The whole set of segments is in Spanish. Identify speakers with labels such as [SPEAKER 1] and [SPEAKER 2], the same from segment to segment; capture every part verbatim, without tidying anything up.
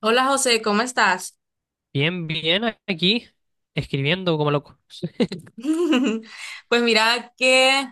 [SPEAKER 1] Hola José, ¿cómo estás?
[SPEAKER 2] Bien, bien, aquí, escribiendo como loco.
[SPEAKER 1] Pues mira que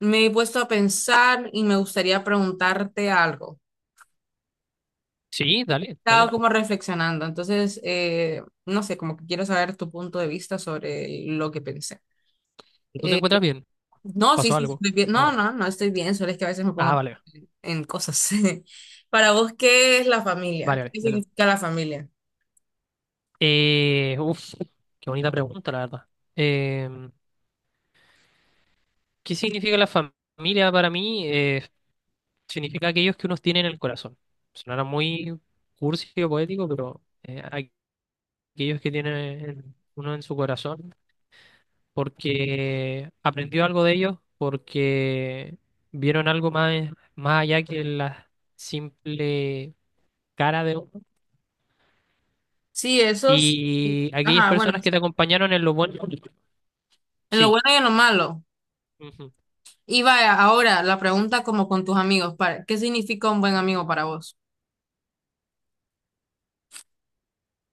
[SPEAKER 1] me he puesto a pensar y me gustaría preguntarte algo.
[SPEAKER 2] Sí, dale,
[SPEAKER 1] Estaba
[SPEAKER 2] dale.
[SPEAKER 1] como reflexionando, entonces eh, no sé, como que quiero saber tu punto de vista sobre lo que pensé.
[SPEAKER 2] ¿Tú te
[SPEAKER 1] Eh,
[SPEAKER 2] encuentras bien?
[SPEAKER 1] no, sí,
[SPEAKER 2] ¿Pasó
[SPEAKER 1] sí,
[SPEAKER 2] algo?
[SPEAKER 1] estoy bien. No,
[SPEAKER 2] No.
[SPEAKER 1] no, no estoy bien, solo es que a veces me pongo
[SPEAKER 2] Ah,
[SPEAKER 1] a
[SPEAKER 2] vale,
[SPEAKER 1] pensar en cosas. Para vos, ¿qué es la familia?
[SPEAKER 2] vale, vale,
[SPEAKER 1] ¿Qué
[SPEAKER 2] dale.
[SPEAKER 1] significa la familia?
[SPEAKER 2] Eh, uf, Qué bonita pregunta, la verdad. Eh, ¿qué significa la fam- familia para mí? Eh, significa aquellos que uno tiene en el corazón. Sonará muy cursi o poético, pero eh, aquellos que tiene uno en su corazón porque aprendió algo de ellos, porque vieron algo más, más allá que la simple cara de uno.
[SPEAKER 1] Sí, eso es-
[SPEAKER 2] Y aquellas
[SPEAKER 1] ajá, bueno,
[SPEAKER 2] personas que te acompañaron en lo bueno,
[SPEAKER 1] en lo
[SPEAKER 2] sí.
[SPEAKER 1] bueno y en lo malo.
[SPEAKER 2] Ujú.
[SPEAKER 1] Y vaya, ahora la pregunta como con tus amigos, para, ¿qué significa un buen amigo para vos?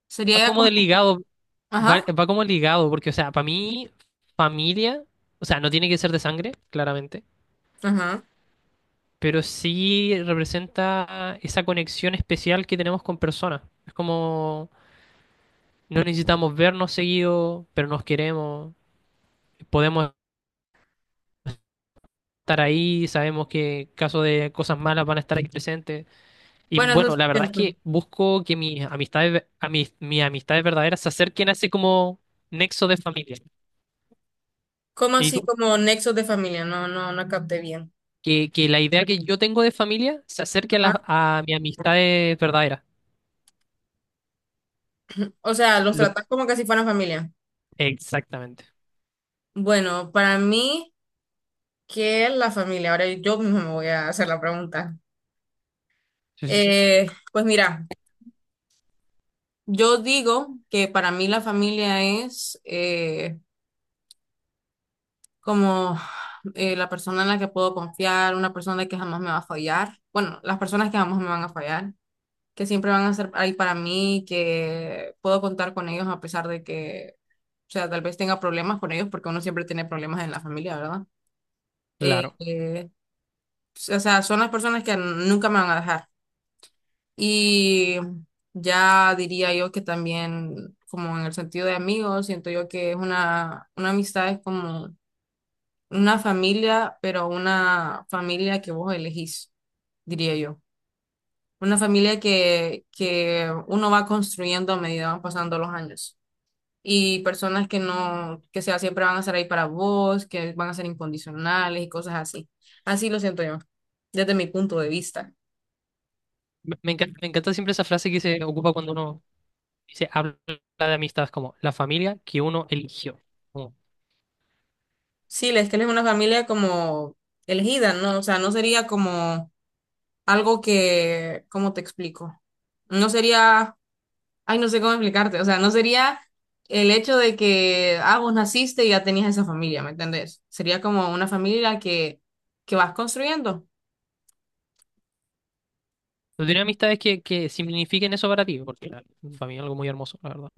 [SPEAKER 1] Sería
[SPEAKER 2] Va
[SPEAKER 1] ya
[SPEAKER 2] como
[SPEAKER 1] como,
[SPEAKER 2] de ligado, va,
[SPEAKER 1] ajá,
[SPEAKER 2] va como ligado, porque, o sea, para mí, familia, o sea, no tiene que ser de sangre, claramente,
[SPEAKER 1] ajá.
[SPEAKER 2] pero sí representa esa conexión especial que tenemos con personas. Es como, no necesitamos vernos seguido, pero nos queremos podemos estar ahí, sabemos que en caso de cosas malas van a estar ahí presentes. Y
[SPEAKER 1] Bueno, eso
[SPEAKER 2] bueno,
[SPEAKER 1] es
[SPEAKER 2] la verdad es
[SPEAKER 1] cierto.
[SPEAKER 2] que busco que mis amistades, ve- a mis, mis amistades verdaderas se acerquen a ese como nexo de familia.
[SPEAKER 1] ¿Como
[SPEAKER 2] Y
[SPEAKER 1] así
[SPEAKER 2] tú,
[SPEAKER 1] como nexos de familia? No, no, no capté bien.
[SPEAKER 2] que, que la idea que yo tengo de familia se acerque a, las
[SPEAKER 1] Ajá.
[SPEAKER 2] a mis amistades verdaderas.
[SPEAKER 1] O sea, ¿los
[SPEAKER 2] Lo-
[SPEAKER 1] tratás como que si fueran familia?
[SPEAKER 2] Exactamente.
[SPEAKER 1] Bueno, para mí, ¿qué es la familia? Ahora yo mismo me voy a hacer la pregunta.
[SPEAKER 2] Sí, sí, sí.
[SPEAKER 1] Eh, pues mira, yo digo que para mí la familia es, eh, como eh, la persona en la que puedo confiar, una persona que jamás me va a fallar. Bueno, las personas que jamás me van a fallar, que siempre van a estar ahí para mí, que puedo contar con ellos a pesar de que, o sea, tal vez tenga problemas con ellos, porque uno siempre tiene problemas en la familia, ¿verdad? Eh,
[SPEAKER 2] Claro.
[SPEAKER 1] eh, pues, o sea, son las personas que nunca me van a dejar. Y ya diría yo que también, como en el sentido de amigos, siento yo que es una, una amistad es como una familia, pero una familia que vos elegís, diría yo. Una familia que, que uno va construyendo a medida van pasando los años. Y personas que no, que sea, siempre van a estar ahí para vos, que van a ser incondicionales y cosas así. Así lo siento yo, desde mi punto de vista.
[SPEAKER 2] Me, me encanta, me encanta siempre esa frase que se ocupa cuando uno se habla de amistades como la familia que uno eligió.
[SPEAKER 1] Sí, es que él es una familia como elegida, ¿no? O sea, no sería como algo que, ¿cómo te explico? No sería... Ay, no sé cómo explicarte. O sea, no sería el hecho de que, ah, vos naciste y ya tenías esa familia, ¿me entendés? Sería como una familia que, que vas construyendo.
[SPEAKER 2] ¿Tú tienes amistades que, que signifiquen eso para ti? Porque la- para mí es algo muy hermoso, la verdad.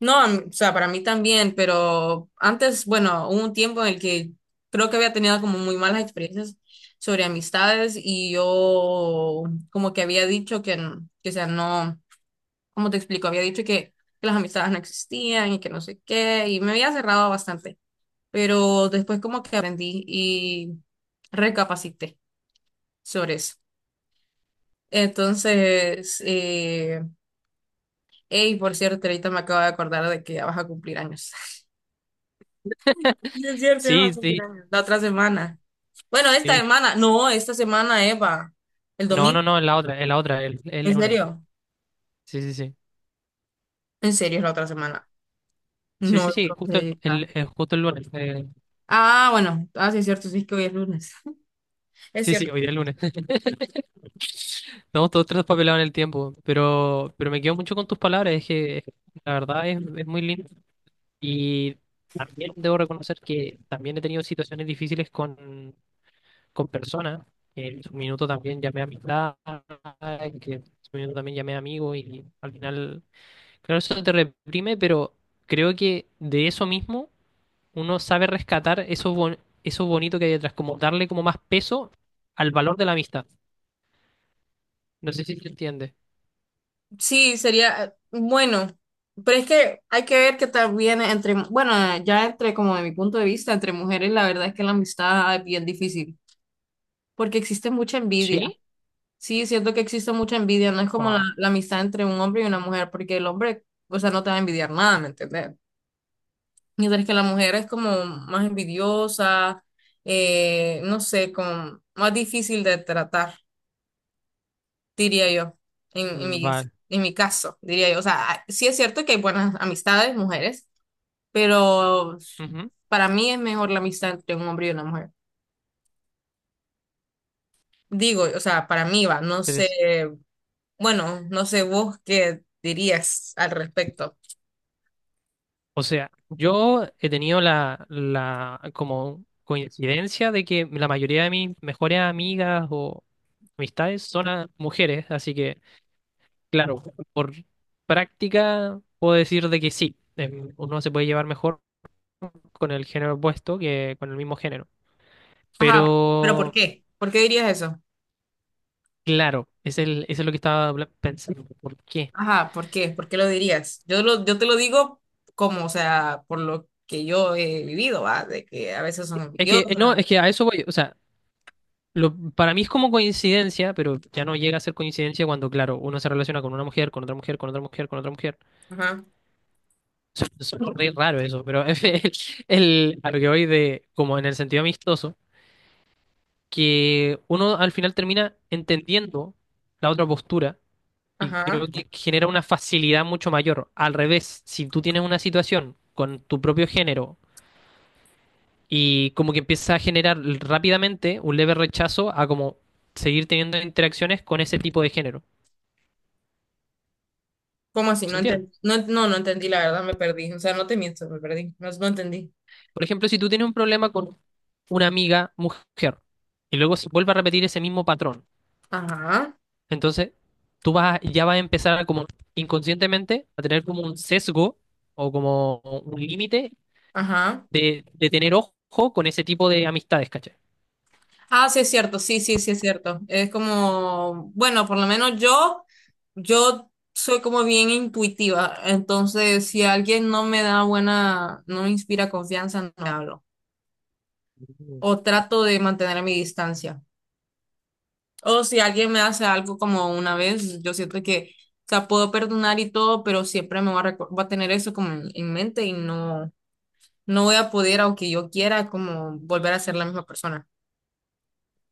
[SPEAKER 1] No, a mí- o sea, para mí también, pero antes, bueno, hubo un tiempo en el que creo que había tenido como muy malas experiencias sobre amistades y yo como que había dicho que, n- que o sea, no, ¿cómo te explico? Había dicho que, que las amistades no existían y que no sé qué, y me había cerrado bastante. Pero después como que aprendí y recapacité sobre eso. Entonces, eh, hey, por cierto, ahorita me acabo de acordar de que ya vas a cumplir años. Sí, es cierto, ya va a
[SPEAKER 2] Sí,
[SPEAKER 1] cumplir
[SPEAKER 2] sí,
[SPEAKER 1] años. La otra semana. Bueno, esta
[SPEAKER 2] sí.
[SPEAKER 1] semana. No, esta semana, Eva. El
[SPEAKER 2] No,
[SPEAKER 1] domingo.
[SPEAKER 2] no, no, es la otra, es la otra, el, el
[SPEAKER 1] ¿En
[SPEAKER 2] lunes.
[SPEAKER 1] serio?
[SPEAKER 2] Sí, sí, sí.
[SPEAKER 1] En serio, es la otra semana.
[SPEAKER 2] Sí,
[SPEAKER 1] No,
[SPEAKER 2] sí, sí,
[SPEAKER 1] creo
[SPEAKER 2] justo
[SPEAKER 1] que-
[SPEAKER 2] el, el- justo el lunes. eh,
[SPEAKER 1] ah, ah, bueno. Ah, sí, es cierto. Sí, es que hoy es lunes. Es
[SPEAKER 2] sí, sí,
[SPEAKER 1] cierto.
[SPEAKER 2] hoy día es lunes. Estamos todos traspapelados en el tiempo, pero, pero me quedo mucho con tus palabras, es que es- la verdad es, es muy lindo. Y también debo reconocer que también he tenido situaciones difíciles con, con personas, que en su minuto también llamé amistad, que en su minuto también llamé amigo y al final, claro, eso te reprime, pero creo que de eso mismo uno sabe rescatar eso, bon- eso bonito que hay detrás, como darle como más peso al valor de la amistad. No sé si se entiende.
[SPEAKER 1] Sí, sería eh, bueno, pero es que hay que ver que también entre, bueno, ya entre como de mi punto de vista, entre mujeres la verdad es que la amistad es bien difícil, porque existe mucha envidia.
[SPEAKER 2] ¿Sí?
[SPEAKER 1] Sí, siento que existe mucha envidia, no es como la,
[SPEAKER 2] Guau.
[SPEAKER 1] la amistad entre un hombre y una mujer, porque el hombre, o sea, no te va a envidiar nada, ¿me entiendes? Mientras que la mujer es como más envidiosa, eh, no sé, como más difícil de tratar, diría yo, en, en mi,
[SPEAKER 2] Vale,
[SPEAKER 1] en mi caso, diría yo. O sea, ah, sí es cierto que hay buenas amistades, mujeres, pero
[SPEAKER 2] ujú.
[SPEAKER 1] para mí es mejor la amistad entre un hombre y una mujer. Digo, o sea, para mí va, no sé, bueno, no sé vos qué dirías al respecto.
[SPEAKER 2] O sea, yo he tenido la, la como coincidencia de que la mayoría de mis mejores amigas o amistades son a- mujeres, así que, claro, por práctica puedo decir de que sí, em, uno se puede llevar mejor con el género opuesto que con el mismo género.
[SPEAKER 1] Ajá, pero ¿por
[SPEAKER 2] Pero,
[SPEAKER 1] qué? ¿Por qué dirías eso?
[SPEAKER 2] claro, es el, eso es lo que estaba habla- pensando. ¿Por qué?
[SPEAKER 1] Ajá, ¿por qué? ¿Por qué lo dirías? Yo, lo, yo te lo digo como, o sea, por lo que yo he vivido, va, de que a veces son
[SPEAKER 2] Es que,
[SPEAKER 1] envidiosas.
[SPEAKER 2] eh, no, es que a eso voy, o sea. Lo, para mí es como coincidencia, pero ya no llega a ser coincidencia cuando, claro, uno se relaciona con una mujer, con otra mujer, con otra mujer, con otra mujer.
[SPEAKER 1] Ajá,
[SPEAKER 2] Es re raro eso, pero el, el, a lo que voy de, como en el sentido amistoso, que uno al final termina entendiendo la otra postura y creo
[SPEAKER 1] ajá.
[SPEAKER 2] que genera una facilidad mucho mayor. Al revés, si tú tienes una situación con tu propio género y como que empieza a generar rápidamente un leve rechazo a como seguir teniendo interacciones con ese tipo de género.
[SPEAKER 1] ¿Cómo así?
[SPEAKER 2] ¿Se
[SPEAKER 1] No
[SPEAKER 2] entiende?
[SPEAKER 1] entendí. No, no, no entendí, la verdad, me perdí. O sea, no te miento, me perdí. No, no entendí.
[SPEAKER 2] Por ejemplo, si tú tienes un problema con una amiga mujer y luego se vuelve a repetir ese mismo patrón,
[SPEAKER 1] Ajá,
[SPEAKER 2] entonces tú vas, a- ya vas a empezar a como inconscientemente a tener como un sesgo o como un límite
[SPEAKER 1] ajá.
[SPEAKER 2] de, de tener ojo con ese tipo de amistades, ¿cachai?
[SPEAKER 1] Ah, sí, es cierto, sí, sí, sí, es cierto. Es como, bueno, por lo menos yo, yo soy como bien intuitiva. Entonces, si alguien no me da buena, no me inspira confianza, no le hablo.
[SPEAKER 2] Mm.
[SPEAKER 1] O trato de mantener mi distancia. O si alguien me hace algo como una vez, yo siento que, o sea, puedo perdonar y todo, pero siempre me va a, recor- va a tener eso como en en mente y no, no voy a poder, aunque yo quiera, como volver a ser la misma persona.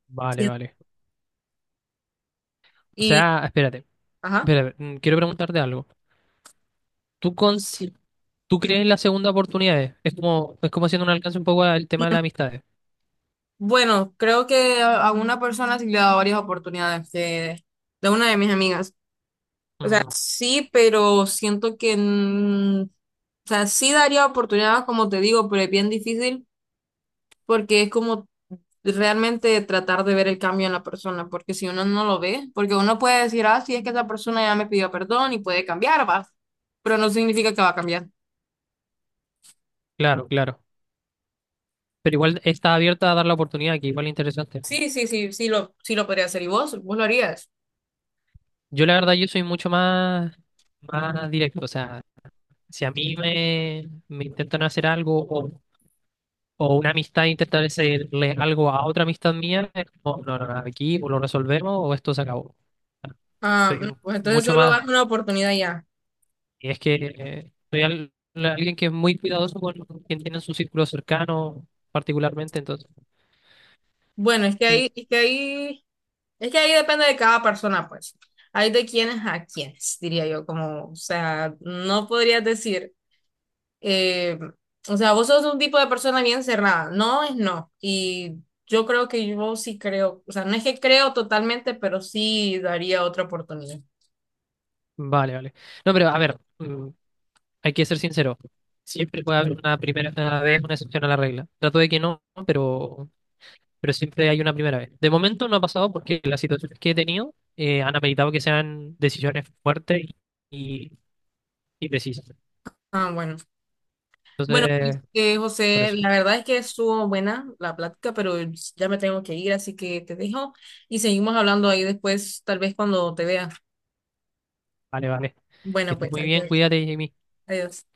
[SPEAKER 2] Vale,
[SPEAKER 1] Sí.
[SPEAKER 2] vale. O
[SPEAKER 1] Y,
[SPEAKER 2] sea, espérate,
[SPEAKER 1] ajá.
[SPEAKER 2] espérate, mm, quiero preguntarte algo. ¿Tú, consi- ¿Tú crees en las segundas oportunidades? Es como, es como haciendo un alcance un poco al tema de las amistades.
[SPEAKER 1] Bueno, creo que a a una persona sí le he dado varias oportunidades de, de una de mis amigas. O sea,
[SPEAKER 2] Mm,
[SPEAKER 1] sí, pero siento que, mm, o sea, sí daría oportunidades, como te digo, pero es bien difícil porque es como realmente tratar de ver el cambio en la persona, porque si uno no lo ve, porque uno puede decir, ah, sí, es que esa persona ya me pidió perdón y puede cambiar, va, pero no significa que va a cambiar.
[SPEAKER 2] claro, claro. Pero igual está abierta a dar la oportunidad, que igual es interesante.
[SPEAKER 1] Sí, sí, sí, sí lo, sí lo podría hacer. ¿Y vos? ¿Vos lo harías?
[SPEAKER 2] Yo la verdad, yo soy mucho más, más directo. O sea, si a mí me, me intentan hacer algo o, o una amistad intenta hacerle algo a otra amistad mía, es como, no, no, no, aquí o lo resolvemos o esto se acabó.
[SPEAKER 1] Ah,
[SPEAKER 2] Soy
[SPEAKER 1] no, pues entonces
[SPEAKER 2] mucho
[SPEAKER 1] solo
[SPEAKER 2] más...
[SPEAKER 1] das una oportunidad ya.
[SPEAKER 2] Y es que eh, soy al- alguien que es muy cuidadoso con quien tiene en su círculo cercano, particularmente, entonces...
[SPEAKER 1] Bueno, es que
[SPEAKER 2] Mm.
[SPEAKER 1] ahí, es que ahí, es que ahí depende de cada persona, pues. Hay de quienes a quienes, diría yo, como, o sea, no podrías decir, eh, o sea, vos sos un tipo de persona bien cerrada, no es no. Y yo creo que yo sí creo, o sea, no es que creo totalmente, pero sí daría otra oportunidad.
[SPEAKER 2] Vale, vale. No, pero a ver, mm, hay que ser sincero. Siempre puede haber una primera vez, una excepción a la regla. Trato de que no, pero, pero siempre hay una primera vez. De momento no ha pasado porque las situaciones que he tenido eh, han ameritado que sean decisiones fuertes y, y precisas.
[SPEAKER 1] Ah, bueno. Bueno,
[SPEAKER 2] Entonces,
[SPEAKER 1] este,
[SPEAKER 2] por
[SPEAKER 1] José,
[SPEAKER 2] eso.
[SPEAKER 1] la verdad es que estuvo buena la plática, pero ya me tengo que ir, así que te dejo y seguimos hablando ahí después, tal vez cuando te vea.
[SPEAKER 2] Vale, vale. Que
[SPEAKER 1] Bueno,
[SPEAKER 2] estés
[SPEAKER 1] pues,
[SPEAKER 2] muy bien,
[SPEAKER 1] adiós.
[SPEAKER 2] cuídate, Jimmy.
[SPEAKER 1] Adiós.